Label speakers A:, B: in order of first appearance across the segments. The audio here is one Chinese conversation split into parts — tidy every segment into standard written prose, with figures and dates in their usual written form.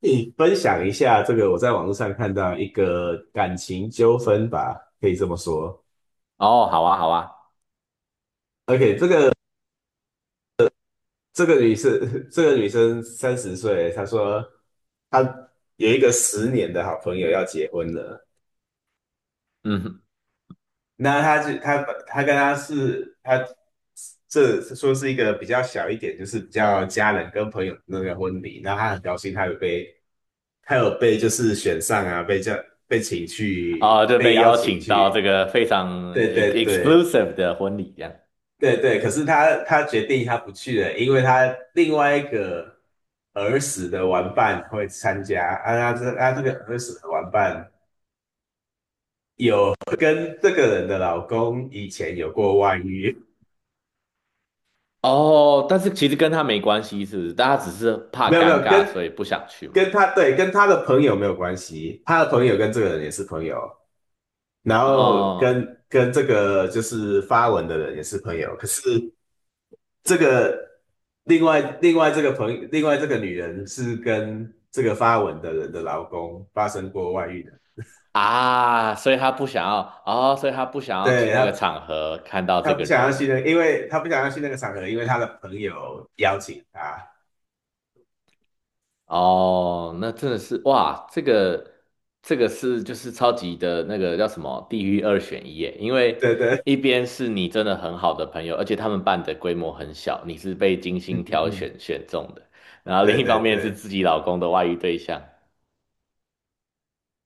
A: 你分享一下这个，我在网络上看到一个感情纠纷吧，可以这么说。
B: 哦，好啊，好啊。
A: OK，这个女生，这个女生30岁，她说她一个十年的好朋友要结婚了。
B: 嗯。
A: 那她就她她跟她是她这说是一个比较小一点，就是比较家人跟朋友的那个婚礼。那她很高兴，她有被就是选上啊，
B: 哦，就
A: 被
B: 被
A: 邀
B: 邀
A: 请
B: 请到这
A: 去。
B: 个非常
A: 对
B: ex
A: 对对。
B: exclusive 的婚礼这样。
A: 对对，可是他决定他不去了，因为他另外一个儿时的玩伴会参加，啊，他这个儿时的玩伴有跟这个人的老公以前有过外遇，
B: 哦，但是其实跟他没关系，是不是？大家只是 怕
A: 没有没
B: 尴
A: 有
B: 尬，所
A: 跟
B: 以不想去
A: 跟
B: 嘛。
A: 他对跟他的朋友没有关系，他的朋友跟这个人也是朋友，然后
B: 哦
A: 跟这个就是发文的人也是朋友，可是这个另外这个朋友，另外这个女人是跟这个发文的人的老公发生过外遇的，
B: 啊，所以他不想要，哦，所以他不想要去
A: 对
B: 那个
A: 她
B: 场合看到
A: 她
B: 这
A: 不
B: 个
A: 想要去
B: 人。
A: 那个因为她不想要去那个场合，因为她的朋友邀请她，
B: 哦，那真的是哇，这个是就是超级的那个叫什么地狱二选一耶，因为
A: 对对，
B: 一边是你真的很好的朋友，而且他们办的规模很小，你是被精
A: 嗯
B: 心
A: 嗯
B: 挑
A: 嗯，
B: 选选中的，然后另
A: 对
B: 一
A: 对
B: 方面是
A: 对。
B: 自己老公的外遇对象。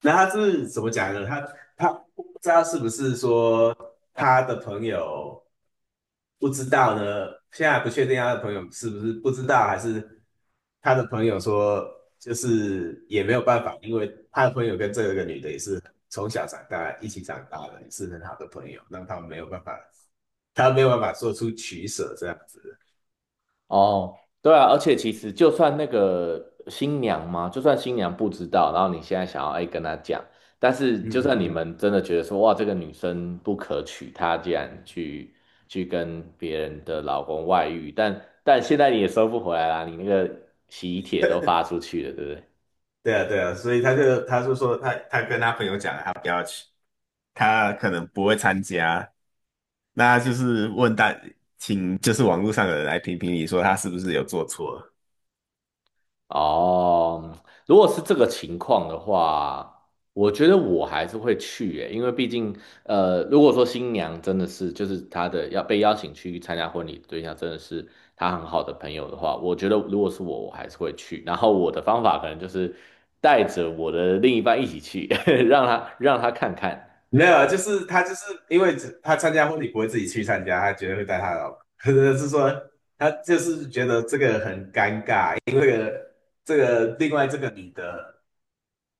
A: 那他是怎么讲呢？他不知道是不是说他的朋友不知道呢？现在还不确定他的朋友是不是不知道，还是他的朋友说就是也没有办法，因为他的朋友跟这个女的也是从小长大一起长大的，也是很好的朋友，让他们没有办法，他没有办法做出取舍这样子。
B: 哦，对啊，而且其实就算那个新娘嘛，就算新娘不知道，然后你现在想要哎跟她讲，但是
A: 嗯
B: 就
A: 嗯
B: 算你
A: 嗯，
B: 们真的觉得说哇这个女生不可取，她竟然去跟别人的老公外遇，但现在你也收不回来啦，你那个喜帖都发出去了，对不对？
A: 对啊，对啊，所以他就说他跟他朋友讲了，他不要去，他可能不会参加。那就是问大，请就是网络上的人来评评理，说他是不是有做错？
B: 哦，如果是这个情况的话，我觉得我还是会去耶，因为毕竟，如果说新娘真的是就是她的要被邀请去参加婚礼的对象真的是她很好的朋友的话，我觉得如果是我，我还是会去。然后我的方法可能就是带着我的另一半一起去，让他看看
A: 没有啊，就是他就是因为只他参加婚礼不会自己去参加，他绝对会带他老婆，是说他就是觉得这个很尴尬。这个另外这个女的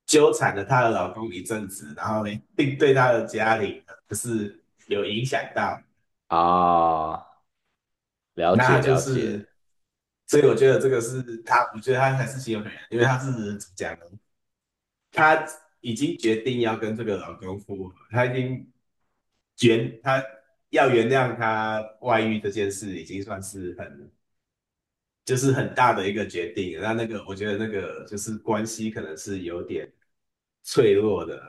A: 纠缠了她的老公一阵子，然后并对她的家里就是有影响到。
B: 啊，了
A: 那
B: 解
A: 就
B: 了解。
A: 是，所以我觉得这个是他，我觉得他还是心有可原，因为他是怎么讲呢？他已经决定要跟这个老公复合，他已经原他要原谅他外遇这件事，已经算是就是很大的一个决定了。那那个我觉得那个就是关系可能是有点脆弱的，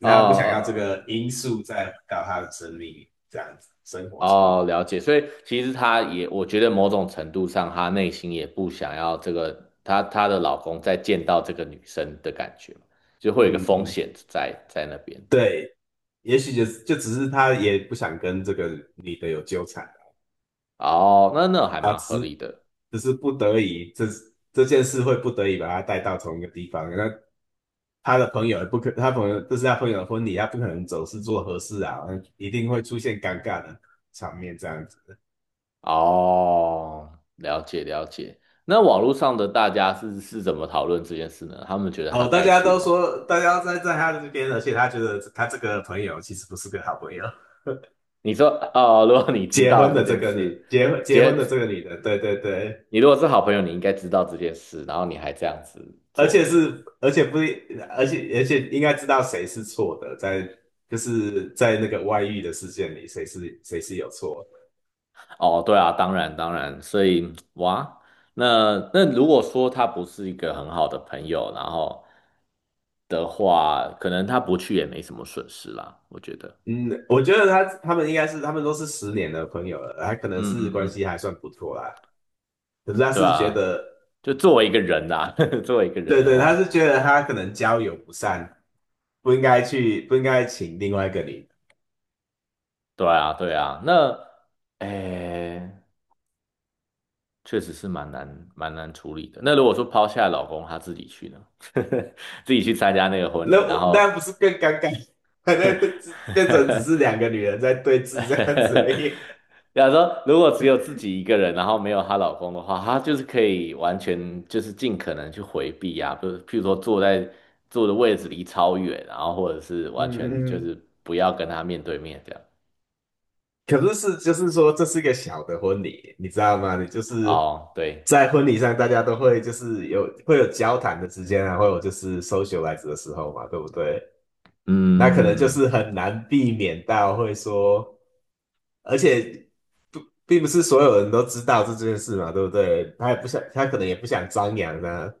B: 哦。
A: 他不
B: 哦
A: 想要这
B: 哦
A: 个因素再回到他的生命这样子生活中。
B: 哦，了解。所以其实她也，我觉得某种程度上，她内心也不想要这个，她老公再见到这个女生的感觉就会有一个
A: 嗯
B: 风
A: 嗯，
B: 险在那边。
A: 对，也许就只是他也不想跟这个女的有纠缠
B: 哦，那那还
A: 啊，
B: 蛮合理的。
A: 只是不得已，这件事会不得已把他带到同一个地方。那他的朋友也不可，他朋友这是他朋友的婚礼，他不可能总是做合适啊，一定会出现尴尬的场面这样子。
B: 哦，了解了解。那网络上的大家是怎么讨论这件事呢？他们觉得她
A: 哦，大
B: 该
A: 家
B: 去
A: 都
B: 吗？
A: 说大家在他这边，而且他觉得他这个朋友其实不是个好朋友。
B: 你说，哦，如果你知道这件事，
A: 结婚结
B: 姐，
A: 婚的这个女的，对对对，
B: 你如果是好朋友，你应该知道这件事，然后你还这样子
A: 而
B: 做
A: 且
B: 吗？
A: 是，而且不，而且应该知道谁是错的，就是在那个外遇的事件里，谁是有错。
B: 哦，对啊，当然当然，所以哇，那那如果说他不是一个很好的朋友，然后的话，可能他不去也没什么损失啦，我觉得，
A: 嗯，我觉得他们应该是他们都是十年的朋友了，他可能
B: 嗯
A: 是
B: 嗯
A: 关
B: 嗯，
A: 系还算不错啦。可是他
B: 对
A: 是觉
B: 啊，
A: 得，
B: 就作为一个人呐、作为一个人
A: 对
B: 的
A: 对，他
B: 话，
A: 是觉得他可能交友不善，不应该去，不应该请另外一个女的。
B: 对啊对啊，那诶，确实是蛮难蛮难处理的。那如果说抛下老公，他自己去呢，自己去参加那个婚
A: 那
B: 礼，然
A: 我那
B: 后
A: 不是更尴尬？那只变成只是 两个女人在对 峙这样子而已。
B: 假如说，如果只有自己一个人，然后没有她老公的话，她就是可以完全就是尽可能去回避啊，不是，譬如说坐的位置离超远，然后或者是完
A: 嗯
B: 全
A: 嗯。
B: 就
A: 嗯，
B: 是不要跟她面对面这样。
A: 可是是就是说这是一个小的婚礼，你知道吗？你就是
B: 哦，对，
A: 在婚礼上，大家都会就是会有交谈的时间啊，会有就是 socialize 的时候嘛，对不对？那可能就
B: 嗯，
A: 是很难避免到会说，而且不并不是所有人都知道这件事嘛，对不对？他也不想，他可能也不想张扬呢、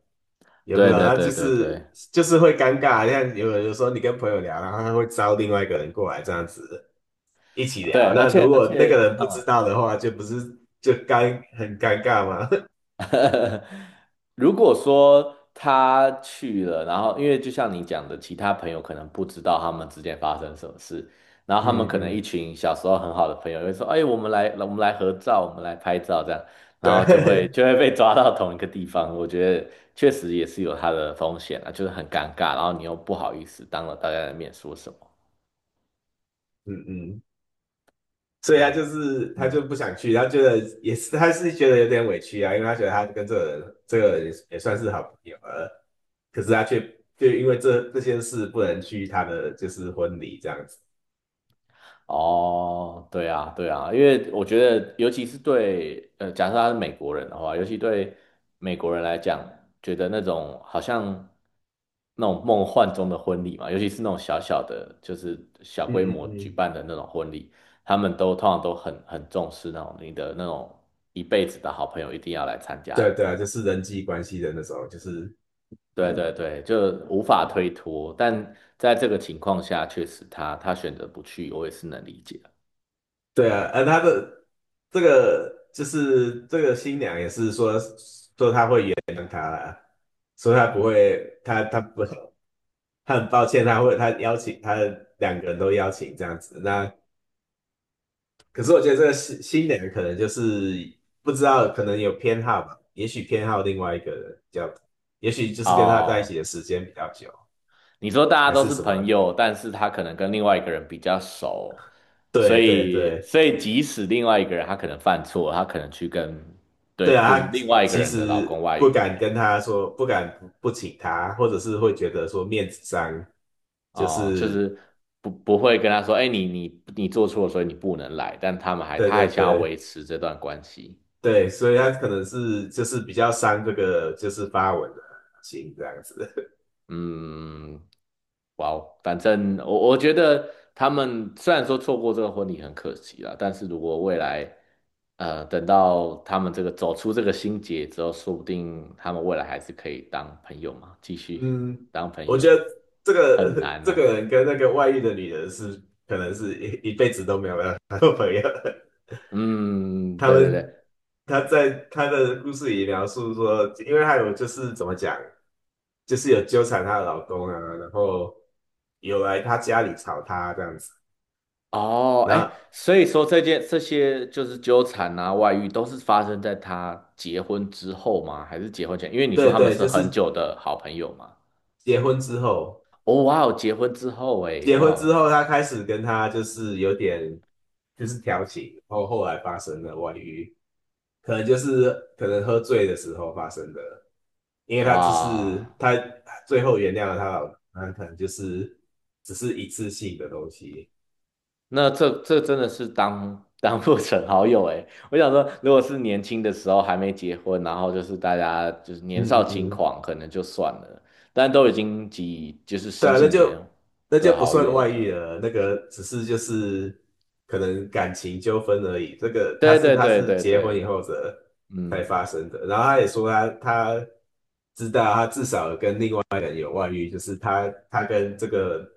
A: 有没
B: 对
A: 有？
B: 对
A: 那
B: 对对对
A: 就是会尴尬，像有时候你跟朋友聊，然后他会招另外一个人过来这样子，一起聊。
B: 对，而
A: 那
B: 且
A: 如
B: 而
A: 果那
B: 且，
A: 个人不
B: 嗯，
A: 知道的话，就不是很尴尬吗？
B: 如果说他去了，然后因为就像你讲的，其他朋友可能不知道他们之间发生什么事，然后
A: 嗯
B: 他们可能一
A: 嗯，
B: 群小时候很好的朋友会说："哎，我们来，我们来合照，我们来拍照，这样。"然后就会
A: 对，
B: 就会被抓到同一个地方。我觉得确实也是有它的风险啊，就是很尴尬，然后你又不好意思当着大家的面说什么。
A: 嗯嗯，所以
B: 哇，
A: 他就
B: 嗯。
A: 不想去，他觉得也是，他是觉得有点委屈啊，因为他觉得他跟这个人也算是好朋友了，可是他却就因为这件事不能去他的就是婚礼这样子。
B: 哦，对啊，对啊，因为我觉得，尤其是对，假设他是美国人的话，尤其对美国人来讲，觉得那种好像那种梦幻中的婚礼嘛，尤其是那种小小的，就是小
A: 嗯
B: 规
A: 嗯
B: 模举
A: 嗯，
B: 办的那种婚礼，他们都通常都很重视那种你的那种一辈子的好朋友一定要来参加
A: 对啊
B: 的，
A: 对啊，就是人际关系的那种，就是
B: 对对对，就无法推脱。但在这个情况下，确实他选择不去，我也是能理解的。
A: 对啊，而他的就是这个新娘也是说。所以他不会，他他不，他很抱歉，他会他邀请他两个人都邀请这样子。那可是我觉得这个新的人可能就是不知道，可能有偏好吧，也许偏好另外一个人比较，也许就是跟他在一
B: 哦，
A: 起的时间比较久，
B: 你说大家
A: 还
B: 都
A: 是
B: 是
A: 什么？
B: 朋友，但是他可能跟另外一个人比较熟，所
A: 对对
B: 以
A: 对
B: 所以即使另外一个人他可能犯错，他可能去跟对，
A: 对
B: 就
A: 啊，
B: 是
A: 他
B: 另外一个
A: 其
B: 人的老公
A: 实
B: 外
A: 不
B: 遇
A: 敢跟他说，不请他，或者是会觉得说面子上就
B: 哦、就
A: 是
B: 是不会跟他说，哎，你做错了，所以你不能来，但他们还
A: 对
B: 他
A: 对
B: 还想要维
A: 对。
B: 持这段关系。
A: 对，所以他可能是就是比较伤这个就是发文的心这样子。
B: 嗯，哇哦，反正我觉得他们虽然说错过这个婚礼很可惜啦，但是如果未来，等到他们这个走出这个心结之后，说不定他们未来还是可以当朋友嘛，继 续
A: 嗯，
B: 当朋
A: 我
B: 友，
A: 觉得
B: 很难
A: 这
B: 啦。
A: 个人跟那个外遇的女人是可能是一辈子都没有办法做 朋友。
B: 嗯，
A: 他
B: 对对对，
A: 们他在他的故事里描述说，因为他有就是怎么讲，就是有纠缠她的老公啊，然后有来他家里吵她这样子。
B: 哦，
A: 然后
B: 哎，所以说这些就是纠缠啊、外遇都是发生在他结婚之后吗？还是结婚前？因为你说
A: 对
B: 他们
A: 对，
B: 是
A: 就
B: 很
A: 是
B: 久的好朋友嘛。
A: 结婚之后。
B: 哦，哇哦，结婚之后哎，
A: 结
B: 哇
A: 婚之
B: 哦，
A: 后，他开始跟他就是有点就是调情，然后后来发生了外遇，可能就是可能喝醉的时候发生的，因为他只
B: 哇，
A: 是他最后原谅了他老婆，那可能就是只是一次性的东西。
B: 那这这真的是当 当不成好友哎。我想说，如果是年轻的时候还没结婚，然后就是大家就是年
A: 嗯
B: 少
A: 嗯
B: 轻
A: 嗯。
B: 狂，可能就算了，但都已经几就是
A: 对
B: 十
A: 啊，
B: 几年
A: 那就
B: 的
A: 不
B: 好
A: 算
B: 友
A: 外遇
B: 了。
A: 了，那个只是就是可能感情纠纷而已。这个
B: 对对
A: 他
B: 对
A: 是
B: 对
A: 结婚以
B: 对，
A: 后的才
B: 嗯，
A: 发生的，然后他也说他知道他至少有跟另外一个人有外遇，就是他跟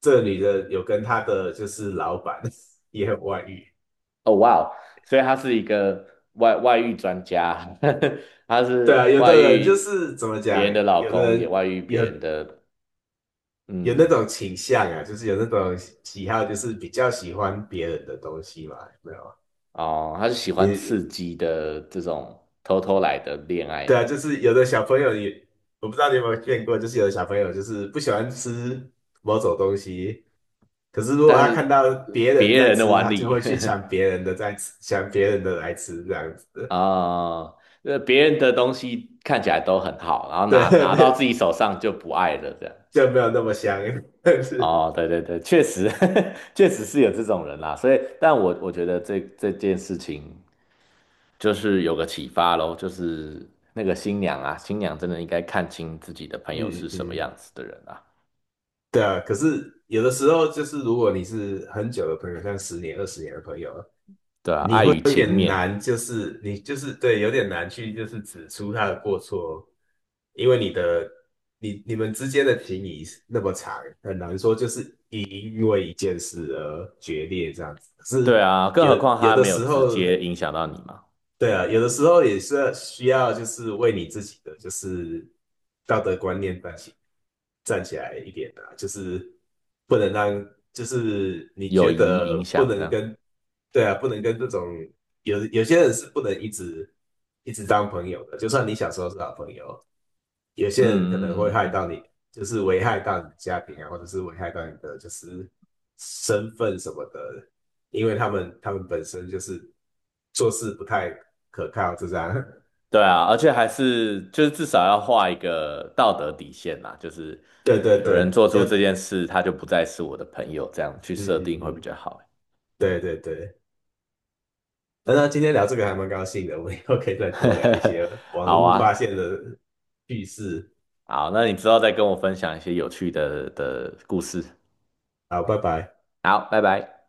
A: 这个女的有跟他的就是老板 也有外遇。
B: 哦哇哦，所以他是一个外遇专家，他
A: 对啊，
B: 是
A: 有
B: 外
A: 的人就
B: 遇
A: 是怎么
B: 别
A: 讲，
B: 人的老
A: 有的
B: 公，也
A: 人
B: 外遇
A: 有
B: 别人的，
A: 有那
B: 嗯。
A: 种倾向啊，就是有那种喜好，就是比较喜欢别人的东西嘛，有没有？
B: 哦，他是喜欢
A: 也
B: 刺激的这种偷偷来的恋爱
A: 对
B: 啊，
A: 啊，就是有的小朋友也，我不知道你有没有见过，就是有的小朋友就是不喜欢吃某种东西，可是如果
B: 但
A: 他
B: 是
A: 看到别人
B: 别
A: 在
B: 人的
A: 吃，
B: 碗
A: 他就
B: 里
A: 会去抢别人的在吃，抢别人的来吃这样 子，
B: 啊，别人的东西看起来都很好，然后
A: 对，
B: 拿 拿
A: 没
B: 到自己手上就不爱了，这样。
A: 就没有那么香，但是，
B: 哦，对对对，确实，确实是有这种人啦，所以，但我觉得这件事情就是有个启发咯，就是那个新娘啊，新娘真的应该看清自己的朋友
A: 嗯
B: 是什么
A: 嗯，
B: 样子的人啊，
A: 对啊，可是有的时候就是如果你是很久的朋友，像十年、20年的朋友，
B: 对啊，爱与
A: 有
B: 情
A: 点
B: 面啊。
A: 难，就是对，有点难去就是指出他的过错，因为你你们之间的情谊是那么长，很难说因因为一件事而决裂这样子。可
B: 对
A: 是
B: 啊，更
A: 有
B: 何况
A: 有
B: 他
A: 的
B: 没有
A: 时
B: 直
A: 候
B: 接影响到你嘛，
A: 对啊，有的时候也是需要，就是为你自己的就是道德观念站起来一点啊，就是不能让，就是你
B: 友
A: 觉
B: 谊影
A: 得不
B: 响这
A: 能
B: 样。
A: 跟，对啊，不能跟这种有些人是不能一直当朋友的，就算你小时候是好朋友，有
B: 嗯
A: 些人可能会
B: 嗯嗯嗯
A: 害
B: 嗯，
A: 到你，就是危害到你的家庭啊，或者是危害到你的就是身份什么的，因为他们本身就是做事不太可靠，就这样。
B: 对啊，而且还是就是至少要画一个道德底线啦，就是
A: 对对
B: 有
A: 对，
B: 人做
A: 要，
B: 出这
A: 嗯
B: 件事，他就不再是我的朋友，这样去
A: 嗯
B: 设定会比
A: 嗯，
B: 较好。
A: 对对对。那那今天聊这个还蛮高兴的，我们以后可以再多聊一 些网
B: 好
A: 络发
B: 啊，
A: 现的趣事。
B: 好，那你之后再跟我分享一些有趣的的故事。
A: 好，拜拜。
B: 好，拜拜。